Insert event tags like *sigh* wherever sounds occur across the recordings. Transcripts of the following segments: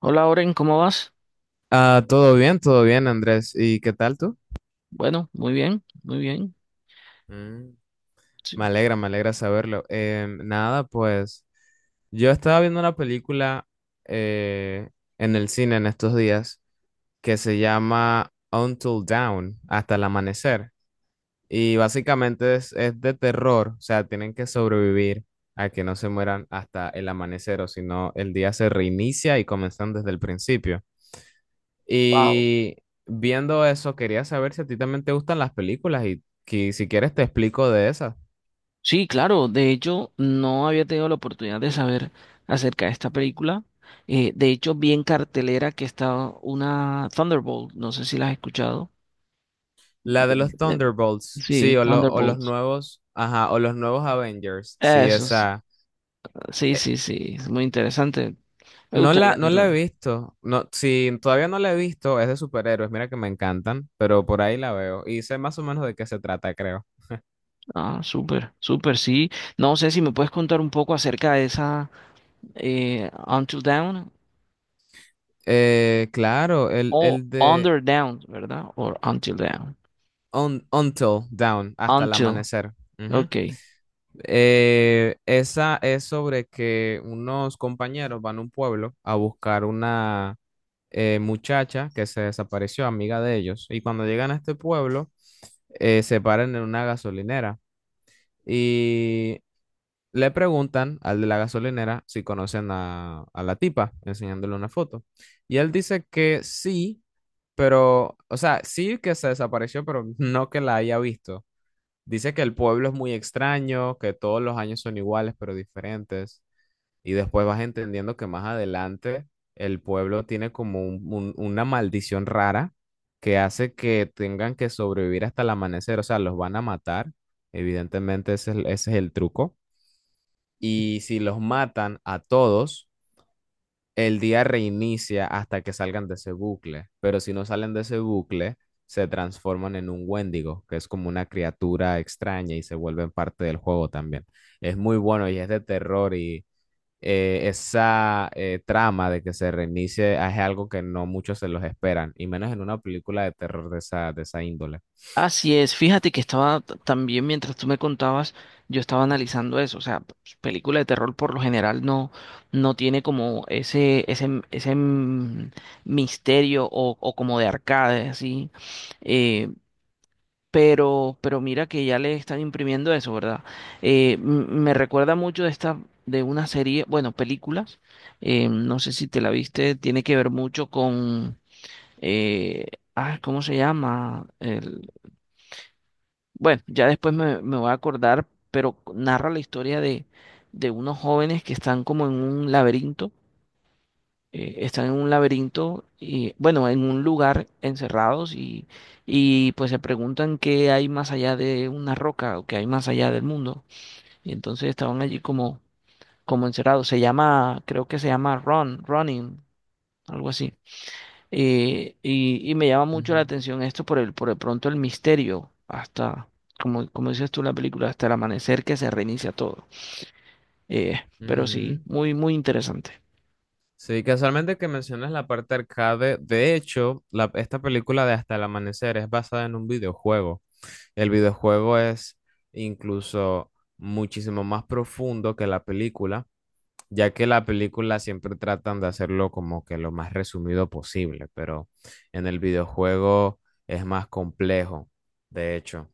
Hola, Oren, ¿cómo vas? Ah, todo bien, Andrés. ¿Y qué tal tú? Bueno, muy bien, muy bien. Mm. Sí. Me alegra saberlo. Nada, pues yo estaba viendo una película eh, en el cine en estos días que se llama Until Dawn, hasta el amanecer. Y básicamente es de terror, o sea, tienen que sobrevivir a que no se mueran hasta el amanecer, o si no, el día se reinicia y comienzan desde el principio. Wow. Y viendo eso, quería saber si a ti también te gustan las películas y que si quieres te explico de esas. Sí, claro, de hecho no había tenido la oportunidad de saber acerca de esta película. De hecho, vi en cartelera que estaba una Thunderbolt, no sé si la has escuchado. La de los Eh, Thunderbolts, Sí, sí, o, o los Thunderbolt. nuevos, ajá, o los nuevos Avengers, sí, Eso, esa. sí, eh, sí, sí, es muy interesante. Me no la, gustaría no la he verla. visto, no, sí, todavía no la he visto, es de superhéroes, mira que me encantan, pero por ahí la veo y sé más o menos de qué se trata, creo. Ah, súper, súper, sí. No sé si me puedes contar un poco acerca de esa Until Dawn. Claro, O el de Under Down, ¿verdad? O Until Down. un, Until Down, hasta el Until. amanecer. Ujú. Ok. Esa es sobre que unos compañeros van a un pueblo a buscar una muchacha que se desapareció, amiga de ellos. Y cuando llegan a este pueblo, se paran en una gasolinera y le preguntan al de la gasolinera si conocen a la tipa, enseñándole una foto. Y él dice que sí, pero, o sea, sí que se desapareció, pero no que la haya visto. Dice que el pueblo es muy extraño, que todos los años son iguales pero diferentes. Y después vas entendiendo que más adelante el pueblo tiene como una maldición rara que hace que tengan que sobrevivir hasta el amanecer. O sea, los van a matar. Evidentemente ese es el truco. Y si los matan a todos el día reinicia hasta que salgan de ese bucle, pero si no salen de ese bucle, se transforman en un Wendigo, que es como una criatura extraña y se vuelven parte del juego también. Es muy bueno y es de terror y esa trama de que se reinicie es algo que no muchos se los esperan, y menos en una película de terror de esa índole. Así es. Fíjate que estaba también mientras tú me contabas, yo estaba analizando eso. O sea, pues, película de terror por lo general no tiene como ese, misterio o como de arcade, así. Eh, pero mira que ya le están imprimiendo eso, ¿verdad? Me recuerda mucho de esta, de una serie, bueno, películas, no sé si te la viste, tiene que ver mucho con, eh, ah, ¿cómo se llama? El, bueno, ya después me voy a acordar, pero narra la historia de unos jóvenes que están como en un laberinto están en un laberinto y bueno, en un lugar encerrados y pues se preguntan qué hay más allá de una roca o qué hay más allá del mundo. Y entonces estaban allí como, como encerrados. Se llama, creo que se llama Run, Running, algo así. Y, y me llama mucho la Ujú, atención esto por el, por de pronto el misterio hasta, como, como dices tú en la película, hasta el amanecer que se reinicia todo. Eh, pero sí, ujú. muy, muy interesante. Sí, casualmente que mencionas la parte arcade, de hecho, esta película de Hasta el Amanecer es basada en un videojuego. El videojuego es incluso muchísimo más profundo que la película, ya que la película siempre tratan de hacerlo como que lo más resumido posible, pero en el videojuego es más complejo, de hecho.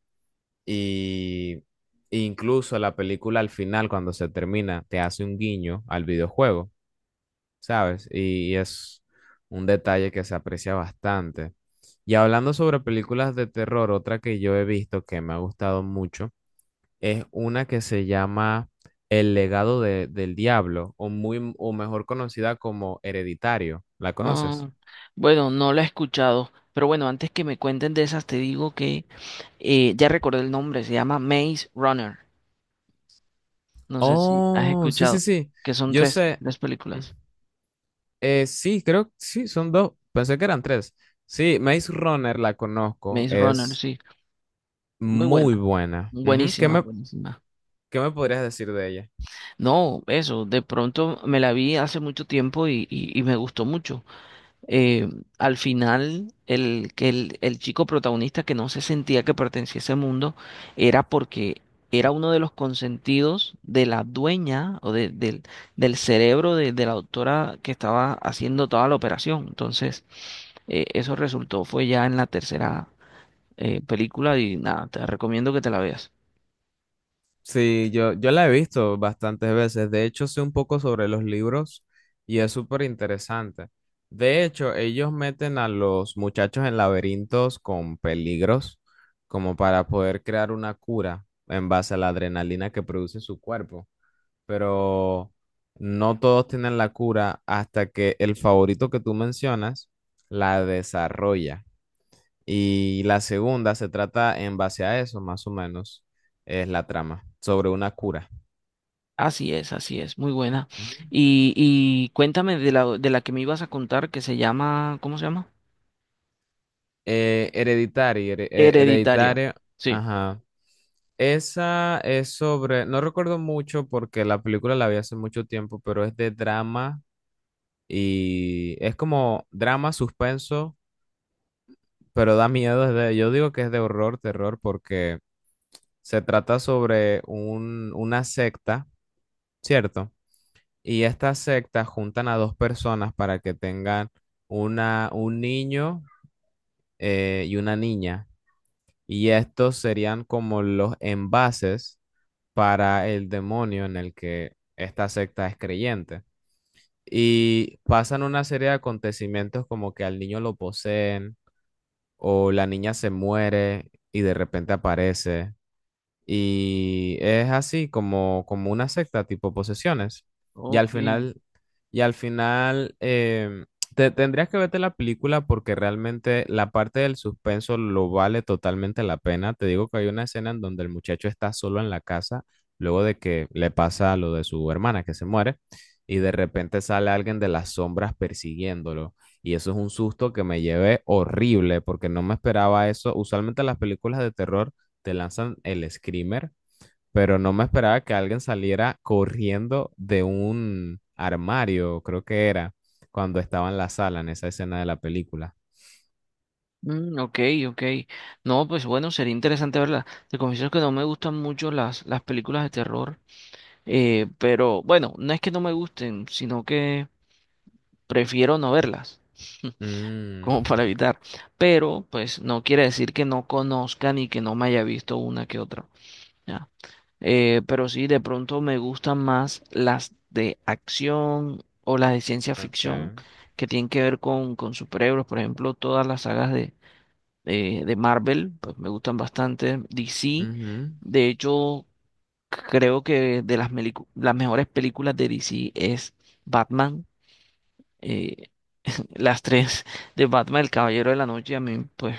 Y incluso la película al final, cuando se termina, te hace un guiño al videojuego, ¿sabes? Y es un detalle que se aprecia bastante. Y hablando sobre películas de terror, otra que yo he visto que me ha gustado mucho es una que se llama El legado del diablo, o muy, o mejor conocida como Hereditario. ¿La conoces? Ah, bueno, no la he escuchado, pero bueno, antes que me cuenten de esas, te digo que ya recordé el nombre, se llama Maze Runner. No sé si has Oh, sí, sí, escuchado, sí. que son Yo tres, sé. tres Mm, películas. Sí, creo que sí, son dos. Pensé que eran tres. Sí, Maze Runner la conozco. Maze Runner, Es sí, muy muy buena, buena. Ujú. Buenísima, buenísima. ¿qué me podrías decir de ella? No, eso, de pronto me la vi hace mucho tiempo y me gustó mucho. eh, Al final, el, que el chico protagonista que no se sentía que pertenecía a ese mundo era porque era uno de los consentidos de la dueña o del, del cerebro de la doctora que estaba haciendo toda la operación. Entonces, eso resultó, fue ya en la tercera película y nada, te recomiendo que te la veas. Sí, yo la he visto bastantes veces. De hecho, sé un poco sobre los libros y es súper interesante. De hecho, ellos meten a los muchachos en laberintos con peligros como para poder crear una cura en base a la adrenalina que produce su cuerpo. Pero no todos tienen la cura hasta que el favorito que tú mencionas la desarrolla. Y la segunda se trata en base a eso, más o menos, es la trama, sobre una cura. Así es, muy buena. Ujú. Y cuéntame de la que me ibas a contar que se llama, ¿cómo se llama? Hereditary, Hereditario. hereditario, Sí. ajá. Esa es sobre, no recuerdo mucho porque la película la vi hace mucho tiempo, pero es de drama y es como drama, suspenso, pero da miedo. Yo digo que es de horror, terror, porque se trata sobre un, una secta, ¿cierto? Y estas sectas juntan a dos personas para que tengan una, un niño y una niña. Y estos serían como los envases para el demonio en el que esta secta es creyente. Y pasan una serie de acontecimientos como que al niño lo poseen o la niña se muere y de repente aparece. Y es así como, como una secta, tipo posesiones. Y al Ok, final, y al final em, te, tendrías que verte la película porque realmente la parte del suspenso lo vale totalmente la pena. Te digo que hay una escena en donde el muchacho está solo en la casa, luego de que le pasa lo de su hermana que se muere, y de repente sale alguien de las sombras persiguiéndolo. Y eso es un susto que me llevé horrible porque no me esperaba eso. Usualmente las películas de terror te lanzan el screamer, pero no me esperaba que alguien saliera corriendo de un armario, creo que era, cuando estaba en la sala, en esa escena de la película. mm, ok, ok. No, pues bueno, sería interesante verla. Te confieso que no me gustan mucho las películas de terror, pero bueno, no es que no me gusten, sino que prefiero no verlas, *laughs* Mm, como para *laughs* evitar. Pero pues no quiere decir que no conozca ni que no me haya visto una que otra. Ya. Pero sí, de pronto me gustan más las de acción o las de ciencia ficción okay. que tienen que ver con superhéroes, por ejemplo, todas las sagas de Marvel, pues me gustan bastante. DC, Ujú. de hecho, creo que de las, las mejores películas de DC es Batman. eh, *laughs* las tres de Batman, El Caballero de la Noche, a mí pues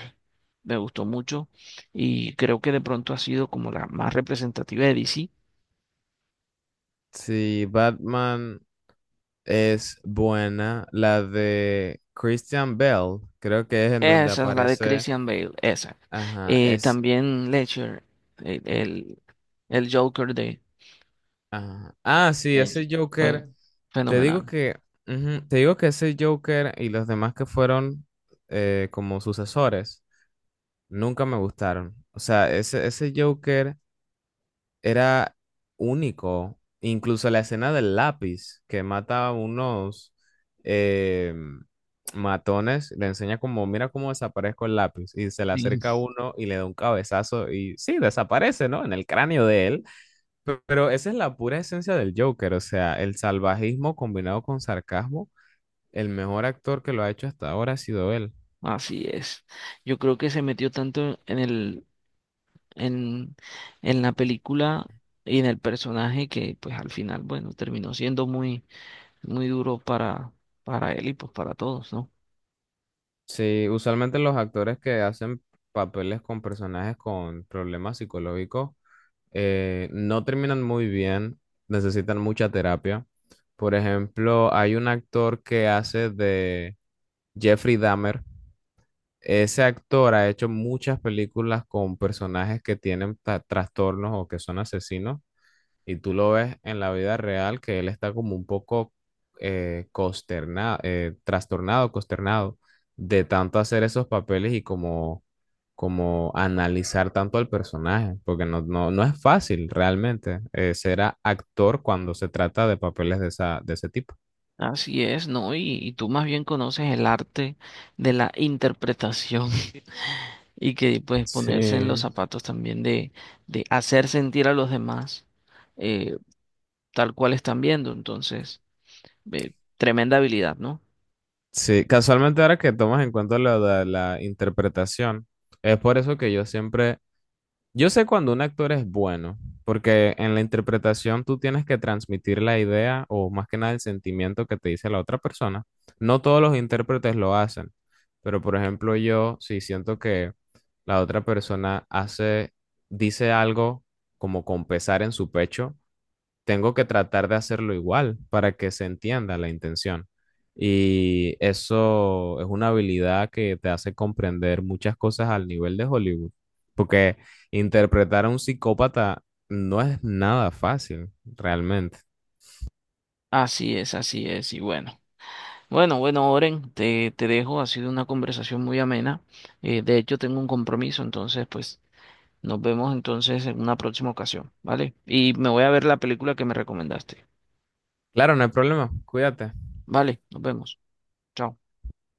me gustó mucho y creo que de pronto ha sido como la más representativa de DC. Sí, Batman es buena. La de Christian Bale, creo que es en donde Esa es la de aparece. Christian Bale, esa. Ajá, es. También Ledger, el, el, el Joker de Ajá. Ah, sí, ese Ledger, Joker. fue Te digo fenomenal. que, ujú, te digo que ese Joker y los demás que fueron como sucesores nunca me gustaron. O sea, ese Joker era único. Incluso la escena del lápiz que mata a unos eh, matones, le enseña como, mira cómo desaparezco el lápiz. Y se le acerca a Sí. uno y le da un cabezazo y sí, desaparece, ¿no? En el cráneo de él. Pero esa es la pura esencia del Joker, o sea, el salvajismo combinado con sarcasmo, el mejor actor que lo ha hecho hasta ahora ha sido él. Así es. Yo creo que se metió tanto en el, en, en la película y en el personaje que pues al final, bueno, terminó siendo muy, muy duro para él y pues para todos, ¿no? Sí, usualmente los actores que hacen papeles con personajes con problemas psicológicos no terminan muy bien, necesitan mucha terapia. Por ejemplo, hay un actor que hace de Jeffrey Dahmer. Ese actor ha hecho muchas películas con personajes que tienen trastornos o que son asesinos. Y tú lo ves en la vida real que él está como un poco consternado, trastornado, consternado de tanto hacer esos papeles y como, como analizar tanto al personaje, porque no, no, no es fácil realmente ser actor cuando se trata de papeles de esa, de ese tipo. Así es, ¿no? Y tú más bien conoces el arte de la interpretación *laughs* y que pues ponerse en los Sí. zapatos también de hacer sentir a los demás eh, tal cual están viendo. Entonces, eh, tremenda habilidad, ¿no? Sí, casualmente ahora que tomas en cuenta lo de la interpretación, es por eso que yo siempre. Yo sé cuando un actor es bueno, porque en la interpretación tú tienes que transmitir la idea o más que nada el sentimiento que te dice la otra persona. No todos los intérpretes lo hacen, pero por ejemplo yo sí siento que la otra persona hace, dice algo como con pesar en su pecho, tengo que tratar de hacerlo igual para que se entienda la intención. Y eso es una habilidad que te hace comprender muchas cosas al nivel de Hollywood, porque interpretar a un psicópata no es nada fácil, realmente. Así es, así es. Y bueno. Bueno, bueno, Oren, te dejo. Ha sido una conversación muy amena. De hecho, tengo un compromiso, entonces, pues nos vemos entonces en una próxima ocasión, ¿vale? Y me voy a ver la película que me recomendaste. Claro, no hay problema. Cuídate. Vale, nos vemos. Chao.